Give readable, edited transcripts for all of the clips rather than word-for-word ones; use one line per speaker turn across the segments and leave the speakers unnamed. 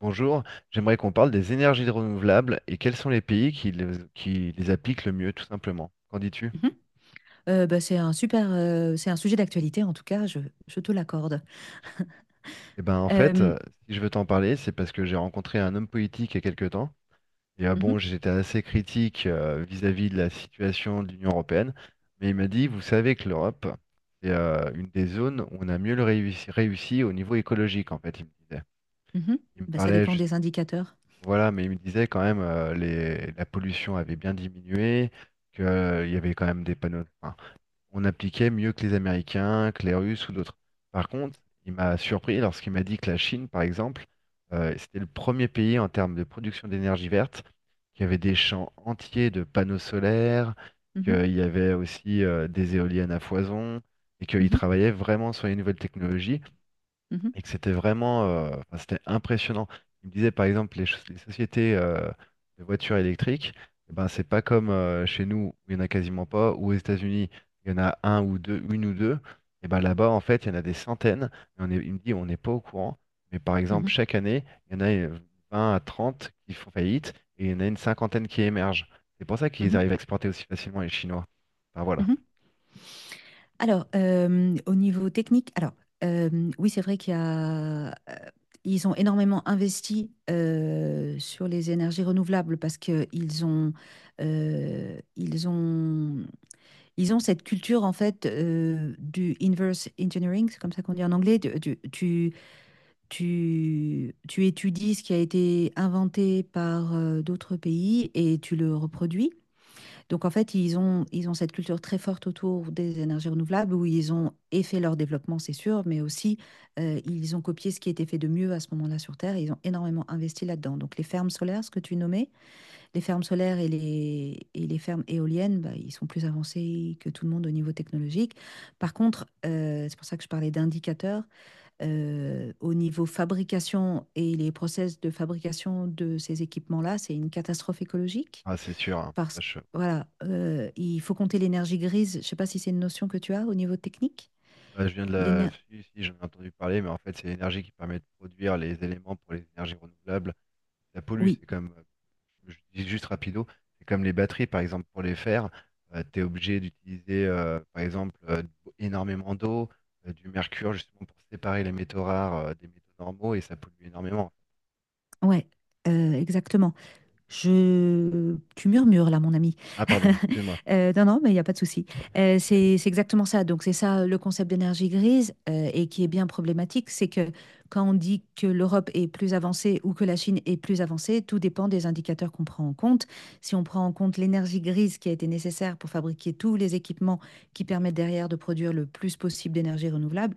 Bonjour, j'aimerais qu'on parle des énergies renouvelables et quels sont les pays qui les appliquent le mieux, tout simplement. Qu'en dis-tu?
Mhm. Bah, c'est un sujet d'actualité en tout cas, je te l'accorde.
Eh ben, en fait,
Euh,
si je veux t'en parler, c'est parce que j'ai rencontré un homme politique il y a quelques temps. Et
mhm,
bon, j'étais assez critique vis-à-vis de la situation de l'Union européenne, mais il m'a dit, vous savez que l'Europe, c'est une des zones où on a mieux réussi au niveau écologique, en fait, il me disait.
mhm.
Il me
Bah, ça
parlait
dépend
juste,
des indicateurs.
voilà, mais il me disait quand même la pollution avait bien diminué, qu'il y avait quand même des panneaux, enfin, on appliquait mieux que les Américains, que les Russes ou d'autres. Par contre, il m'a surpris lorsqu'il m'a dit que la Chine, par exemple, c'était le premier pays en termes de production d'énergie verte, qu'il y avait des champs entiers de panneaux solaires,
Mhm,
qu'il y avait aussi des éoliennes à foison, et qu'ils
mhm,
travaillaient vraiment sur les nouvelles technologies,
mhm,
et que c'était vraiment, enfin, c'était impressionnant. Il me disait par exemple les sociétés de voitures électriques, eh ben c'est pas comme chez nous, où il y en a quasiment pas, ou aux États-Unis il y en a un ou deux, une ou deux. Et ben là-bas en fait il y en a des centaines. Et il me dit on n'est pas au courant, mais par exemple
mhm,
chaque année il y en a 20 à trente qui font faillite, et il y en a une cinquantaine qui émergent. C'est pour ça qu'ils
mhm,
arrivent à exporter aussi facilement, les Chinois. Enfin voilà.
mhm. Alors, au niveau technique, alors, oui, c'est vrai ils ont énormément investi sur les énergies renouvelables parce que euh, ils ont Ils ont cette culture, en fait, du inverse engineering, c'est comme ça qu'on dit en anglais. Tu étudies ce qui a été inventé par d'autres pays et tu le reproduis. Donc, en fait, ils ont cette culture très forte autour des énergies renouvelables où ils ont et fait leur développement, c'est sûr, mais aussi, ils ont copié ce qui était fait de mieux à ce moment-là sur Terre et ils ont énormément investi là-dedans. Donc, les fermes solaires, ce que tu nommais, les fermes solaires et les fermes éoliennes, bah, ils sont plus avancés que tout le monde au niveau technologique. Par contre, c'est pour ça que je parlais d'indicateurs, au niveau fabrication et les process de fabrication de ces équipements-là, c'est une catastrophe écologique
Ah, c'est sûr, hein.
parce que, voilà, il faut compter l'énergie grise. Je ne sais pas si c'est une notion que tu as au niveau technique.
Bah, je viens de la...
L'éner-
Si, si, j'en ai entendu parler, mais en fait, c'est l'énergie qui permet de produire les éléments pour les énergies renouvelables. Ça pollue,
Oui,
c'est comme, je dis juste rapido, c'est comme les batteries, par exemple. Pour les faire, tu es obligé d'utiliser, par exemple, énormément d'eau, du mercure, justement, pour séparer les métaux rares, des métaux normaux, et ça pollue énormément.
ouais, exactement. Tu murmures là, mon ami.
Ah, pardon, excuse-moi.
Non, non, mais il n'y a pas de souci. C'est exactement ça. Donc, c'est ça le concept d'énergie grise, et qui est bien problématique. C'est que quand on dit que l'Europe est plus avancée ou que la Chine est plus avancée, tout dépend des indicateurs qu'on prend en compte. Si on prend en compte l'énergie grise qui a été nécessaire pour fabriquer tous les équipements qui permettent derrière de produire le plus possible d'énergie renouvelable,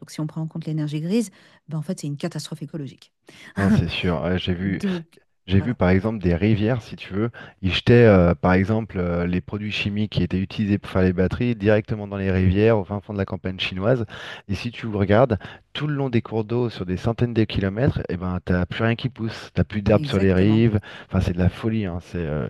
donc si on prend en compte l'énergie grise, ben, en fait, c'est une catastrophe écologique.
Non, c'est sûr, ouais, j'ai vu.
Donc,
J'ai vu
voilà.
par exemple des rivières, si tu veux, ils jetaient par exemple les produits chimiques qui étaient utilisés pour faire les batteries directement dans les rivières au fin fond de la campagne chinoise. Et si tu regardes tout le long des cours d'eau sur des centaines de kilomètres, eh ben t'as plus rien qui pousse, t'as plus d'herbes sur les
Exactement.
rives. Enfin c'est de la folie, hein. C'est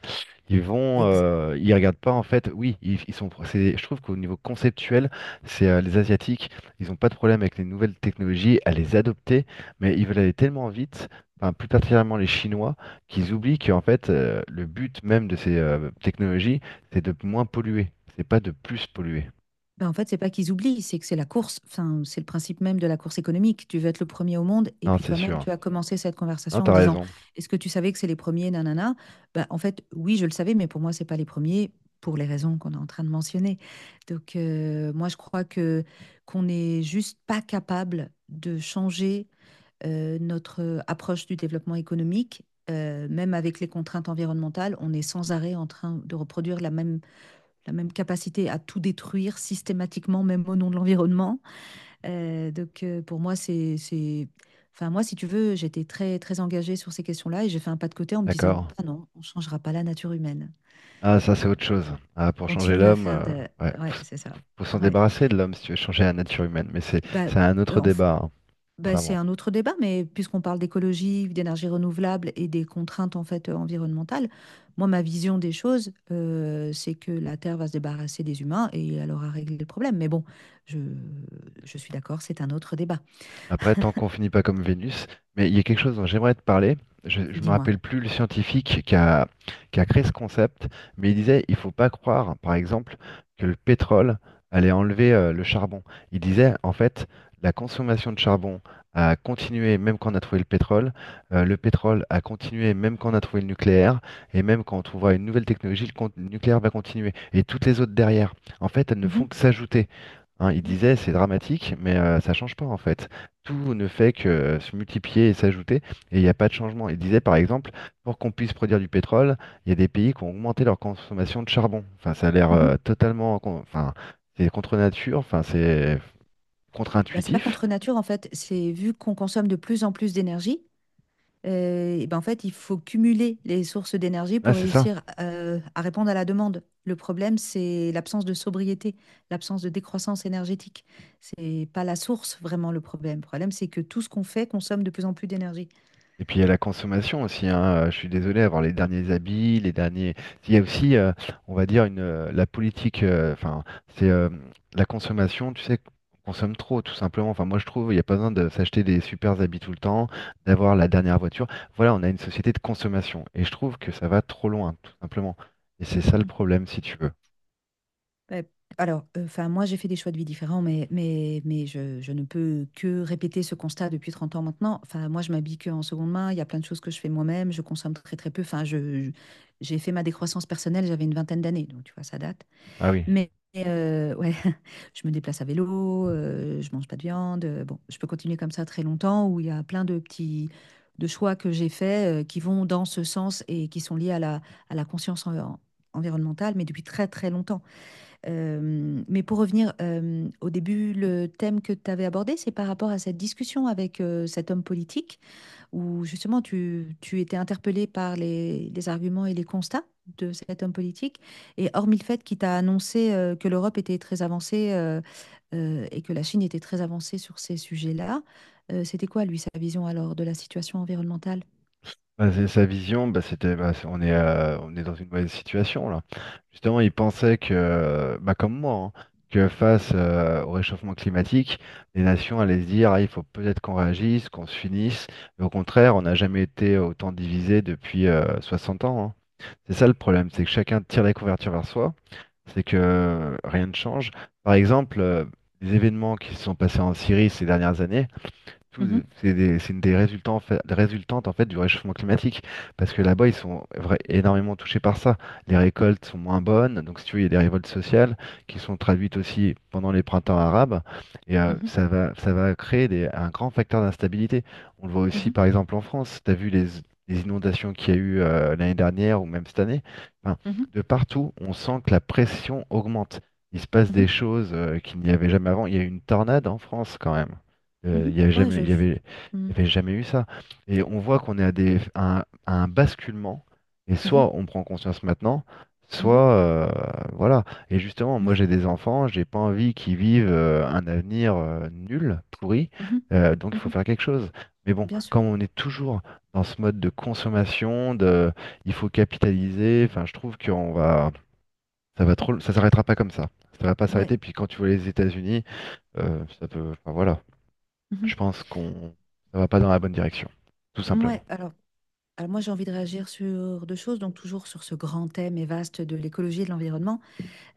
Ex-
ils regardent pas en fait. Oui, ils sont. Je trouve qu'au niveau conceptuel, c'est les Asiatiques, ils ont pas de problème avec les nouvelles technologies à les adopter, mais ils veulent aller tellement vite. Enfin, plus particulièrement les Chinois, qu'ils oublient qu'en fait, le but même de ces technologies, c'est de moins polluer, c'est pas de plus polluer.
Ben, en fait, c'est pas qu'ils oublient, c'est que c'est la course. Enfin, c'est le principe même de la course économique. Tu veux être le premier au monde, et
Non,
puis
c'est
toi-même,
sûr.
tu as commencé cette
Non,
conversation en
t'as
disant,
raison.
est-ce que tu savais que c'est les premiers, nanana? Ben, en fait, oui, je le savais, mais pour moi, c'est pas les premiers pour les raisons qu'on est en train de mentionner. Donc, moi, je crois que qu'on n'est juste pas capable de changer, notre approche du développement économique. Même avec les contraintes environnementales, on est sans arrêt en train de reproduire la même capacité à tout détruire systématiquement, même au nom de l'environnement. Pour moi, c'est... Enfin, moi, si tu veux, j'étais très, très engagée sur ces questions-là et j'ai fait un pas de côté en me disant,
D'accord.
bah non, on ne changera pas la nature humaine.
Ah, ça, c'est autre chose. Ah, pour changer
Continue à
l'homme,
faire de...
ouais,
Ouais, c'est ça.
faut s'en
Ouais.
débarrasser de l'homme si tu veux changer la nature humaine, mais c'est
Bah,
c'est un autre
en
débat, hein.
Bah,
Enfin
c'est
bon.
un autre débat, mais puisqu'on parle d'écologie, d'énergie renouvelable et des contraintes, en fait, environnementales, moi ma vision des choses, c'est que la Terre va se débarrasser des humains et elle aura réglé le problème. Mais bon, je, je suis d'accord, c'est un autre débat.
Après, tant qu'on finit pas comme Vénus, mais il y a quelque chose dont j'aimerais te parler. Je me
Dis-moi.
rappelle plus le scientifique qui a créé ce concept, mais il disait il faut pas croire, par exemple, que le pétrole allait enlever le charbon. Il disait en fait la consommation de charbon a continué même quand on a trouvé le pétrole a continué même quand on a trouvé le nucléaire, et même quand on trouvera une nouvelle technologie, le nucléaire va continuer, et toutes les autres derrière. En fait, elles ne
Mhm.
font que s'ajouter. Hein, il
Mhm.
disait, c'est dramatique, mais ça change pas en fait. Tout ne fait que se multiplier et s'ajouter, et il n'y a pas de changement. Il disait par exemple, pour qu'on puisse produire du pétrole, il y a des pays qui ont augmenté leur consommation de charbon. Enfin, ça a l'air
Mhm.
totalement, enfin, c'est contre nature, enfin, c'est
Bah, c'est pas
contre-intuitif.
contre nature en fait, c'est vu qu'on consomme de plus en plus d'énergie. Et ben, en fait, il faut cumuler les sources d'énergie
Ah,
pour
c'est ça.
réussir, à répondre à la demande. Le problème, c'est l'absence de sobriété, l'absence de décroissance énergétique. C'est pas la source vraiment le problème. Le problème, c'est que tout ce qu'on fait consomme de plus en plus d'énergie.
Et puis il y a la consommation aussi, hein. Je suis désolé, avoir les derniers habits, les derniers. Il y a aussi, on va dire, la politique, enfin, c'est la consommation, tu sais, on consomme trop, tout simplement. Enfin, moi je trouve, il n'y a pas besoin de s'acheter des super habits tout le temps, d'avoir la dernière voiture. Voilà, on a une société de consommation. Et je trouve que ça va trop loin, tout simplement. Et c'est ça le
Mhm.
problème, si tu veux.
Ouais. Alors, enfin, moi, j'ai fait des choix de vie différents, mais je ne peux que répéter ce constat depuis 30 ans maintenant. Enfin, moi, je m'habille que en seconde main. Il y a plein de choses que je fais moi-même. Je consomme très, très peu. Enfin, j'ai fait ma décroissance personnelle, j'avais une vingtaine d'années, donc tu vois, ça date.
Ah oui.
Mais, ouais, je me déplace à vélo, je mange pas de viande, bon, je peux continuer comme ça très longtemps où il y a plein de petits de choix que j'ai faits, qui vont dans ce sens et qui sont liés à la conscience environnementale, mais depuis très, très longtemps. Mais pour revenir, au début, le thème que tu avais abordé, c'est par rapport à cette discussion avec, cet homme politique où justement tu étais interpellé par les arguments et les constats de cet homme politique. Et hormis le fait qu'il t'a annoncé, que l'Europe était très avancée, et que la Chine était très avancée sur ces sujets-là, c'était quoi, lui, sa vision alors de la situation environnementale?
Bah, c'est sa vision. Bah, on est dans une mauvaise situation là. Justement, il pensait que, bah, comme moi, hein, que face au réchauffement climatique, les nations allaient se dire, ah, il faut peut-être qu'on réagisse, qu'on se unisse. Mais au contraire, on n'a jamais été autant divisé depuis 60 ans, hein. C'est ça le problème, c'est que chacun tire les couvertures vers soi, c'est que rien ne change. Par exemple, les événements qui se sont passés en Syrie ces dernières années,
Mhm,
c'est des, c'est une des résultants, des résultantes en fait du réchauffement climatique, parce que là-bas ils sont énormément touchés par ça. Les récoltes sont moins bonnes, donc si tu veux, il y a des révoltes sociales qui sont traduites aussi pendant les printemps arabes, et
mhm,
ça va créer un grand facteur d'instabilité. On le voit aussi
mhm,
par exemple en France. Tu as vu les, inondations qu'il y a eu l'année dernière ou même cette année. Enfin,
mhm,
de partout, on sent que la pression augmente. Il se passe des
mhm,
choses qu'il n'y avait jamais avant. Il y a eu une tornade en France, quand même.
mhm.
Il n'y avait
Ouais,
jamais, il y avait, Il
mhm,
y avait jamais eu ça. Et on voit qu'on est à un basculement, et
mhm,
soit on prend conscience maintenant, soit voilà. Et justement,
mhm.
moi
Ouais.
j'ai des enfants, j'ai pas envie qu'ils vivent un avenir nul, pourri,
Mhm,
donc il faut
mhm.
faire quelque chose. Mais bon,
Bien sûr.
quand on est toujours dans ce mode de consommation, il faut capitaliser, enfin je trouve ça va trop, ça s'arrêtera pas comme ça. Ça va pas
Ouais.
s'arrêter. Puis quand tu vois les États-Unis, enfin voilà.
Mhm.
Je pense qu'on ça va pas dans la bonne direction, tout simplement.
Ouais, alors... Alors moi, j'ai envie de réagir sur deux choses, donc toujours sur ce grand thème et vaste de l'écologie et de l'environnement.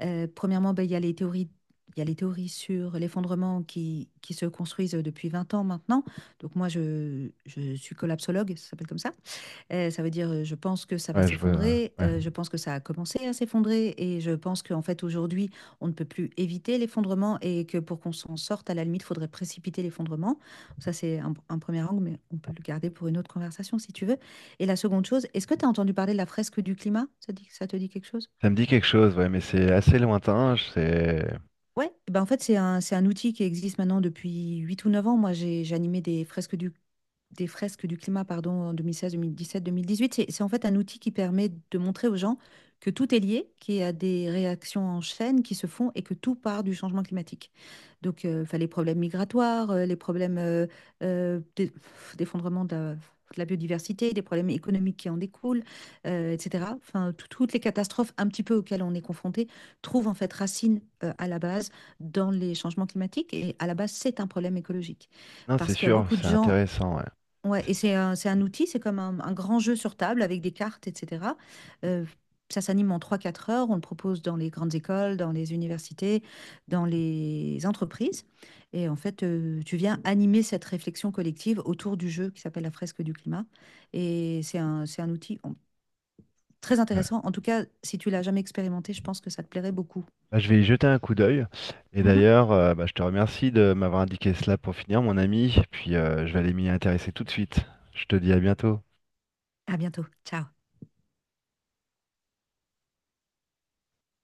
Premièrement, ben, il y a les théories sur l'effondrement qui se construisent depuis 20 ans maintenant. Donc moi, je suis collapsologue, ça s'appelle comme ça. Ça veut dire, je pense que ça va
Ouais, je vois.
s'effondrer,
Ouais.
je pense que ça a commencé à s'effondrer et je pense qu'en fait aujourd'hui, on ne peut plus éviter l'effondrement et que pour qu'on s'en sorte, à la limite, il faudrait précipiter l'effondrement. Ça, c'est un 1 angle, mais on peut le garder pour une autre conversation si tu veux et la seconde chose, est-ce que tu as entendu parler de la fresque du climat? Ça te dit quelque chose?
Ça me dit quelque chose, ouais, mais c'est assez lointain. C'est
Ouais, ben en fait, c'est un outil qui existe maintenant depuis 8 ou 9 ans. Moi, j'animais des fresques du climat, pardon, en 2016, 2017, 2018. C'est en fait un outil qui permet de montrer aux gens que tout est lié, qu'il y a des réactions en chaîne qui se font et que tout part du changement climatique. Donc, enfin, les problèmes migratoires, les problèmes, euh, d'e- d'effondrement de de la biodiversité, des problèmes économiques qui en découlent, etc. Enfin, toutes les catastrophes un petit peu auxquelles on est confronté trouvent en fait racine, à la base dans les changements climatiques et à la base, c'est un problème écologique
Non, c'est
parce qu'il y a
sûr,
beaucoup de
c'est
gens.
intéressant, ouais.
Ouais,
C'est-
et c'est un outil, c'est comme un grand jeu sur table avec des cartes, etc. Euh, Ça s'anime en 3 4 heures, on le propose dans les grandes écoles, dans les universités, dans les entreprises. Et en fait, tu viens animer cette réflexion collective autour du jeu qui s'appelle la fresque du climat. Et c'est un outil, très
ouais.
intéressant. En tout cas, si tu l'as jamais expérimenté, je pense que ça te plairait beaucoup.
Bah, je vais y jeter un coup d'œil. Et
Mhm.
d'ailleurs, bah, je te remercie de m'avoir indiqué cela pour finir, mon ami. Puis je vais aller m'y intéresser tout de suite. Je te dis à bientôt.
À bientôt. Ciao.